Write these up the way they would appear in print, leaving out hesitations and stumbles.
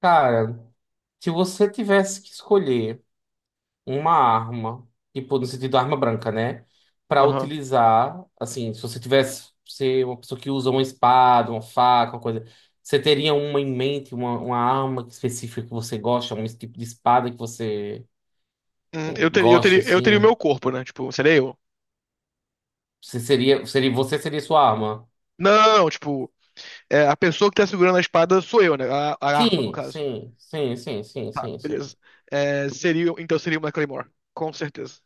Cara, se você tivesse que escolher uma arma, tipo, no sentido arma branca, né? Pra Aham. utilizar, assim, se você tivesse ser uma pessoa que usa uma espada, uma faca, uma coisa, você teria uma em mente, uma arma específica que você gosta, um tipo de espada que você Eu teria, eu gosta, teria, eu teria o assim? meu corpo, né? Tipo, seria eu. Você seria sua arma? Não, tipo, é, a pessoa que tá segurando a espada sou eu, né? A arma, no Sim, caso. sim, sim, sim, sim, Tá, sim, sim. beleza. É, seria, então seria uma Claymore, com certeza.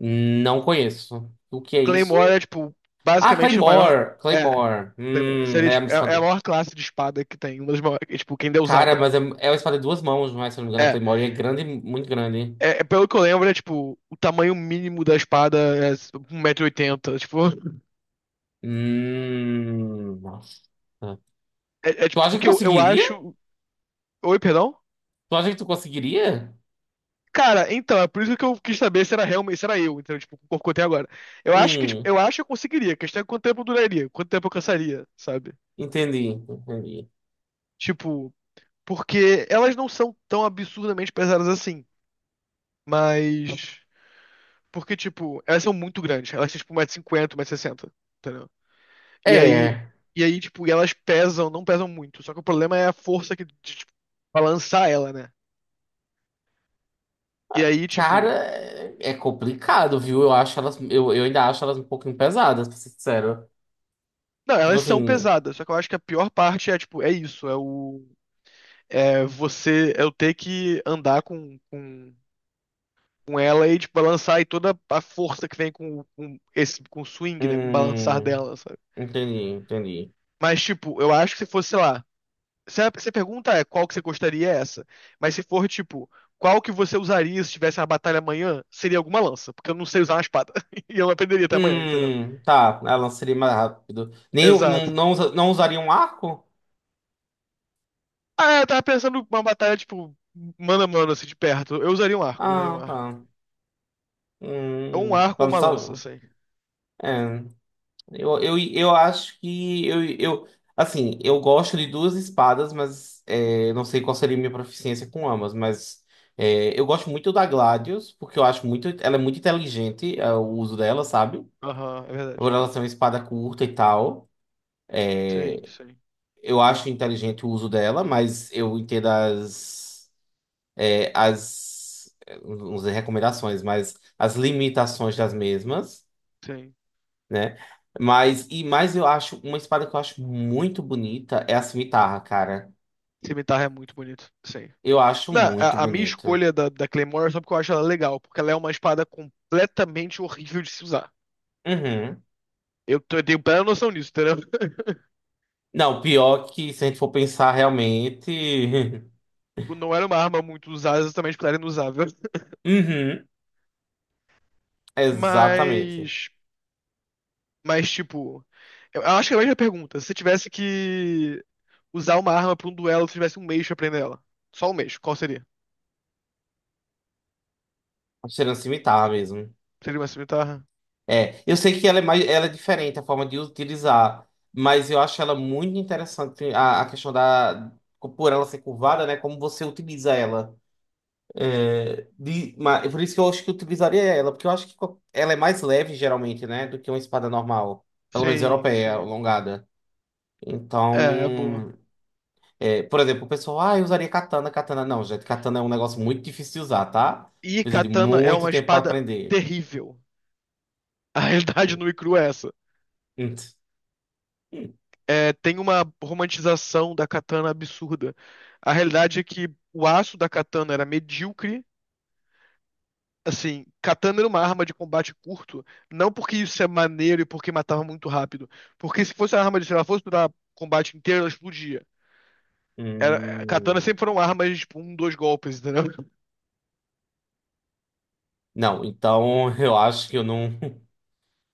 Não conheço. O que é isso? Claymore é, tipo, Ah, basicamente a maior. Claymore! É, Claymore. Claymore. Hum, Seria, é a tipo, minha é a espada. maior classe de espada que tem. Uma das maiores, é, tipo, quem deu Cara, usada. mas é uma espada de duas mãos, não é? Se eu não me engano, a É, Claymore e é grande, muito grande. É, pelo que eu lembro, é tipo, o tamanho mínimo da espada é um metro e oitenta. Tipo, Nossa. É, Tu tipo, acha que porque eu conseguiria? acho. Oi, perdão? Tu acha que tu conseguiria? Cara, então, é por isso que eu quis saber se era realmente, se era eu, entendeu? Tipo, com o corpo que eu tenho agora. Eu acho que, tipo, Hum, eu acho que eu conseguiria. A questão é quanto tempo eu duraria, quanto tempo eu cansaria, sabe? entendi, entendi. Tipo, porque elas não são tão absurdamente pesadas assim. Mas. Porque, tipo, elas são muito grandes. Elas são tipo, 1,50 m, 160 sessenta, entendeu? E aí. É, E aí, tipo, e elas pesam, não pesam muito. Só que o problema é a força que, de, tipo, balançar ela, né? E aí, cara, tipo. é complicado, viu? Eu ainda acho elas um pouquinho pesadas, pra ser sincero. Não, Tipo elas são assim, pesadas. Só que eu acho que a pior parte é, tipo, é isso. É o, é você, é eu ter que andar com ela e tipo, balançar e toda a força que vem com esse, com o swing, né? Com o balançar hum, dela, sabe? entendi, entendi. Mas, tipo, eu acho que se fosse, sei lá. Se a pergunta é qual que você gostaria é essa. Mas se for, tipo, qual que você usaria se tivesse uma batalha amanhã, seria alguma lança. Porque eu não sei usar uma espada. E eu não aprenderia até amanhã, entendeu? Tá, ela seria mais rápido. Nem, não, Exato. não, não usaria um arco? Ah, eu tava pensando uma batalha, tipo, mano a mano, assim, de perto. Eu usaria um Ah, arco. tá. Ou um Hum, arco ou vamos uma lança, só. assim. É, eu acho que eu assim, eu gosto de duas espadas, mas é, não sei qual seria a minha proficiência com ambas, mas é, eu gosto muito da Gladius, porque eu acho muito, ela é muito inteligente, é, o uso dela, sabe? Aham, é verdade. Por ela ser uma espada curta e tal. Sim, sim. Eu acho inteligente o uso dela, mas eu entendo as, não sei, recomendações, mas as limitações das mesmas, Sim. né? Mas, e mais eu acho, uma espada que eu acho muito bonita é a cimitarra, cara. Cimitarra é muito bonito. Sim. Eu acho Não, muito a minha bonita. escolha da Claymore é só porque eu acho ela legal, porque ela é uma espada completamente horrível de se usar. Uhum. Eu, eu tenho plena noção disso, entendeu? Não, pior que se a gente for pensar realmente. Tipo, não era uma arma muito usada, exatamente porque ela era inusável. Uhum, exatamente. Mas. Mas, tipo. Eu acho que é a mesma pergunta. Se você tivesse que usar uma arma pra um duelo, se tivesse um mês pra aprender ela. Só um mês, qual seria? Tá cheirando cimitarra mesmo. Seria uma cimitarra? É, eu sei que ela é mais, ela é diferente a forma de utilizar, mas eu acho ela muito interessante a questão da, por ela ser curvada, né? Como você utiliza ela. É, é por isso que eu acho que eu utilizaria ela, porque eu acho que ela é mais leve, geralmente, né, do que uma espada normal. Pelo menos Sim, europeia, sim. alongada. É, é boa. Então, é, por exemplo, o pessoal, ah, eu usaria katana, katana. Não, gente, katana é um negócio muito difícil de usar, tá? E Precisa de katana é muito uma tempo pra espada aprender. terrível. A realidade nua e crua é essa. Hum. É, tem uma romantização da katana absurda. A realidade é que o aço da katana era medíocre. Assim, katana era uma arma de combate curto, não porque isso é maneiro e porque matava muito rápido. Porque se fosse uma arma de, se ela fosse durar combate inteiro, ela explodia. Era, katana Hum, sempre foram armas, de tipo, um, dois golpes, entendeu? não, então eu acho que eu não,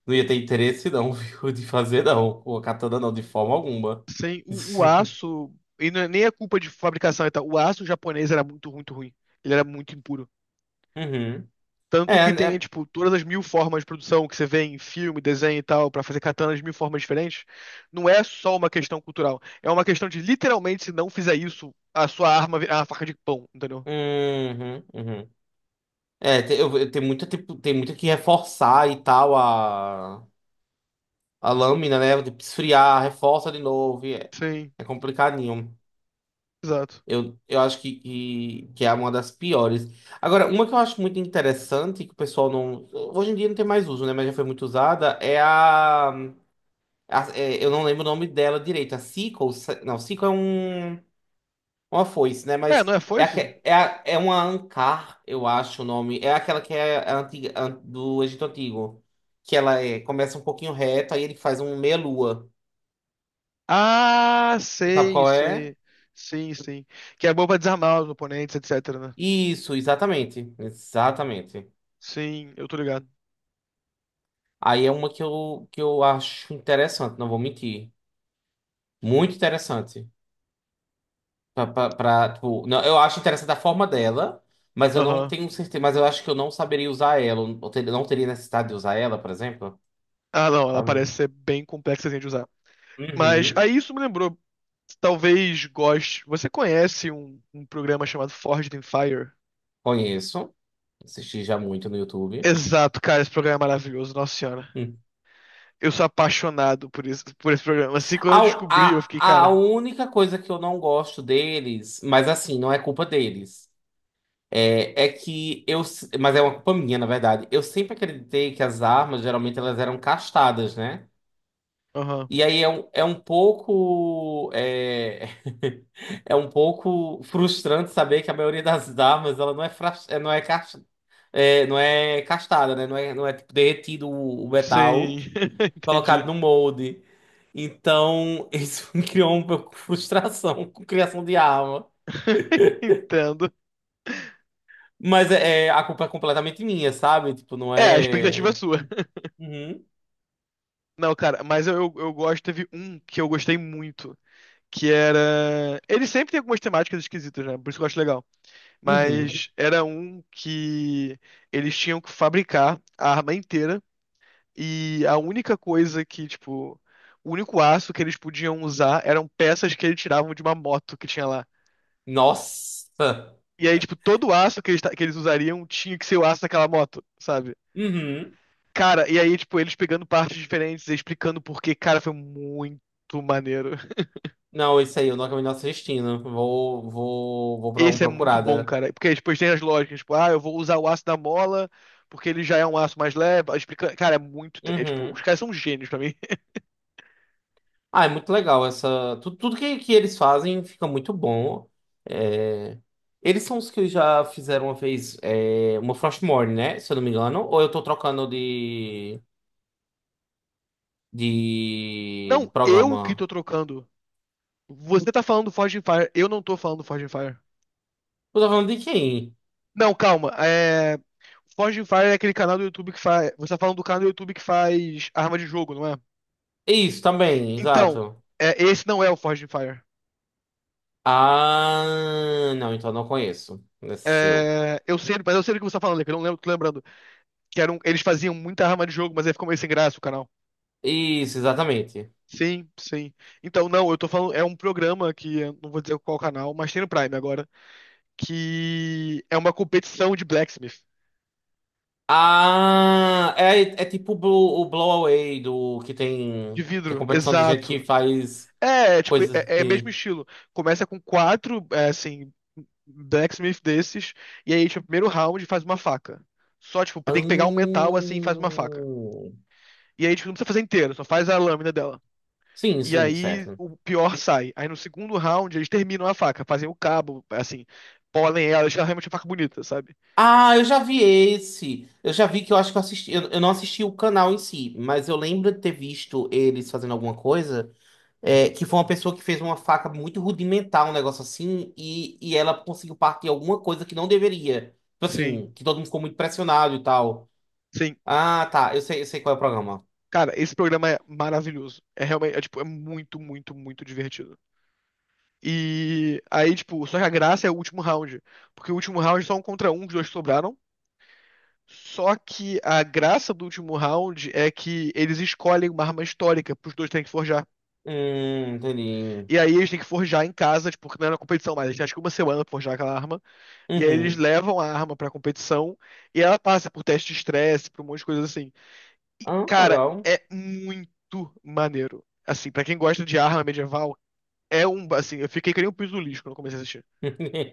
não ia ter interesse, não, viu, de fazer, não. O katana não, de forma alguma. Sem o aço, e nem é culpa de fabricação e tal, o aço japonês era muito, muito ruim. Ele era muito impuro. Uhum. É, Tanto que tem, é. tipo, todas as mil formas de produção que você vê em filme, desenho e tal, pra fazer katanas de mil formas diferentes, não é só uma questão cultural. É uma questão de, literalmente, se não fizer isso, a sua arma é uma faca de pão, entendeu? Uhum, uhum. É, tem muita, tipo, tem muita que reforçar e tal a lâmina, né? Tipo, esfriar, reforça de novo, e É, Sim, é complicadinho. exato. Eu acho que é uma das piores. Agora, uma que eu acho muito interessante, que o pessoal não. Hoje em dia não tem mais uso, né? Mas já foi muito usada, é a. Eu não lembro o nome dela direito. A sickle. Não, sickle é um, uma foice, né? É, Mas não é é, foice? aque- é, a- é uma ancar, eu acho o nome. É aquela que é a antiga, do Egito Antigo. Que ela é, começa um pouquinho reto, aí ele faz um meia-lua. Ah, Sabe sei, qual é? sei. Sim, sim. Que é boa pra desarmar os oponentes, etcétera, né? Isso, exatamente. Exatamente. Sim, eu tô ligado. Aí é uma que que eu acho interessante, não vou mentir. Muito interessante. Tipo, não, eu acho interessante a forma dela, mas eu não Aham. tenho certeza. Mas eu acho que eu não saberia usar ela. Não teria necessidade de usar ela, por exemplo. Ah, não, ela Sabe? parece ser bem complexa assim, de usar. Mas Uhum. aí isso me lembrou. Talvez goste. Você conhece um programa chamado Forged in Fire? Conheço. Assisti já muito no YouTube. Exato, cara, esse programa é maravilhoso, nossa senhora. Hum. Eu sou apaixonado por isso, por esse programa. Assim, quando A, eu descobri, eu fiquei, a, a cara, única coisa que eu não gosto deles, mas assim, não é culpa deles. É, é que eu. Se- Mas é uma culpa minha, na verdade. Eu sempre acreditei que as armas, geralmente, elas eram castadas, né? aham, E aí é um pouco. É, é um pouco frustrante saber que a maioria das armas, ela não é castada, né? Não é tipo, derretido o sim, metal, colocado entendi. no molde. Então, isso me criou um pouco de frustração com criação de arma. Entendo. Mas a culpa é completamente minha, sabe? Tipo, não É, a expectativa é é. sua. Uhum. Não, cara, mas eu, eu gosto, teve um que eu gostei muito, que era... Ele sempre tem algumas temáticas esquisitas, né? Por isso que eu acho legal. Uhum. Mas era um que eles tinham que fabricar a arma inteira e a única coisa que, tipo, o único aço que eles podiam usar eram peças que eles tiravam de uma moto que tinha lá. Nossa! E aí, tipo, todo o aço que eles, que eles usariam tinha que ser o aço daquela moto, sabe? Uhum. Cara, e aí, tipo, eles pegando partes diferentes e explicando por quê, cara, foi muito maneiro. Não, isso aí eu não acabei não assistindo. Vou dar uma Esse é muito bom, procurada. cara. Porque depois tem as lógicas, tipo, ah, eu vou usar o aço da mola porque ele já é um aço mais leve. Explica... Cara, é muito. É, tipo, os Uhum. caras são gênios pra mim. Ah, é muito legal essa. Tudo que eles fazem fica muito bom. É, eles são os que já fizeram uma vez, uma Frostmourne, né? Se eu não me engano. Ou eu tô trocando de Não, eu que tô programa? trocando. Você tá falando do Forging Fire, eu não tô falando do Forging Fire. Eu tô falando de quem? Não, calma. É... Forging Fire é aquele canal do YouTube que faz. Você tá falando do canal do YouTube que faz arma de jogo, não é? Isso, também, Então, exato. é, esse não é o Forging Fire. Ah, não, então eu não conheço. Esse é seu. É, eu sei, mas eu sei do que você tá falando, que eu não lembro, tô lembrando. Que era um- eles faziam muita arma de jogo, mas aí ficou meio sem graça o canal. Isso, exatamente. Sim, sim. Então, não, eu tô falando, é um programa que eu não vou dizer qual canal, mas tem no Prime agora, que é uma competição de blacksmith, Ah, é tipo o Blow Away do que de tem que é vidro, competição de gente exato. que faz Tipo, coisas é, é mesmo de. estilo. Começa com quatro, é, assim, blacksmith desses, e aí, tipo, primeiro round faz uma faca. Só, tipo, tem que pegar um metal assim e faz uma faca. Hum. E aí, tipo, não precisa fazer inteiro, só faz a lâmina dela. Sim, E sim, aí certo. o pior sai. Aí no segundo round eles terminam a faca, fazem o cabo, assim, polem ela, deixam realmente a faca bonita, sabe? Ah, eu já vi esse. Eu já vi que eu acho que eu assisti. Eu não assisti o canal em si, mas eu lembro de ter visto eles fazendo alguma coisa. Que foi uma pessoa que fez uma faca muito rudimentar, um negócio assim, e ela conseguiu partir alguma coisa que não deveria. Tipo Sim, assim, que todo mundo ficou muito pressionado e tal. sim. Ah, tá. Eu sei qual é o programa. Cara, esse programa é maravilhoso. É realmente, é, tipo, é muito, muito, muito divertido. E aí, tipo, só que a graça é o último round. Porque o último round é só um contra um, os dois sobraram. Só que a graça do último round é que eles escolhem uma arma histórica pros dois terem que forjar. Entendi. E aí eles têm que forjar em casa, tipo, porque não é na competição, mais eles têm acho que uma semana pra forjar aquela arma. E aí eles Uhum. levam a arma pra competição e ela passa por teste de estresse, por um monte de coisa assim. Ah, Cara, legal. é muito maneiro. Assim, pra quem gosta de arma medieval, é um. Assim, eu fiquei que nem um pisulis quando eu comecei a assistir.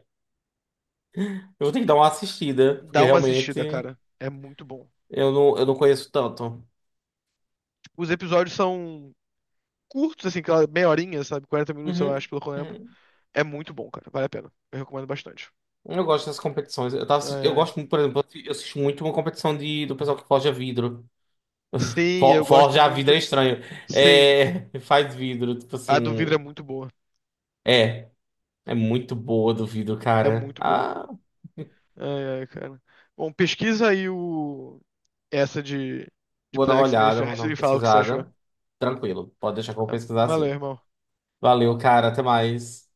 Eu vou ter que dar uma assistida, porque Dá uma realmente assistida, cara. É muito bom. eu não conheço tanto. Os episódios são curtos, assim, aquela meia horinha, sabe? 40 minutos, eu Uhum. acho, pelo que eu lembro. Uhum. É muito bom, cara. Vale a pena. Eu recomendo bastante. Eu gosto das competições. Eu É. gosto muito, por exemplo, eu assisto muito uma competição de, do pessoal que forja vidro. Sim, For, eu gosto forja vidro é muito. estranho. Sim, É, faz vidro, tipo a do vidro é assim. muito boa. É, é muito boa do vidro, É cara. muito boa. Ah, Ai, ai, cara. Bom, pesquisa aí o... essa de vou dar uma Blacksmith olhada, vou dar e uma fala o que você achou. pesquisada. Tranquilo, pode deixar que eu vou Tá? pesquisar Valeu, assim. irmão. Valeu, cara. Até mais.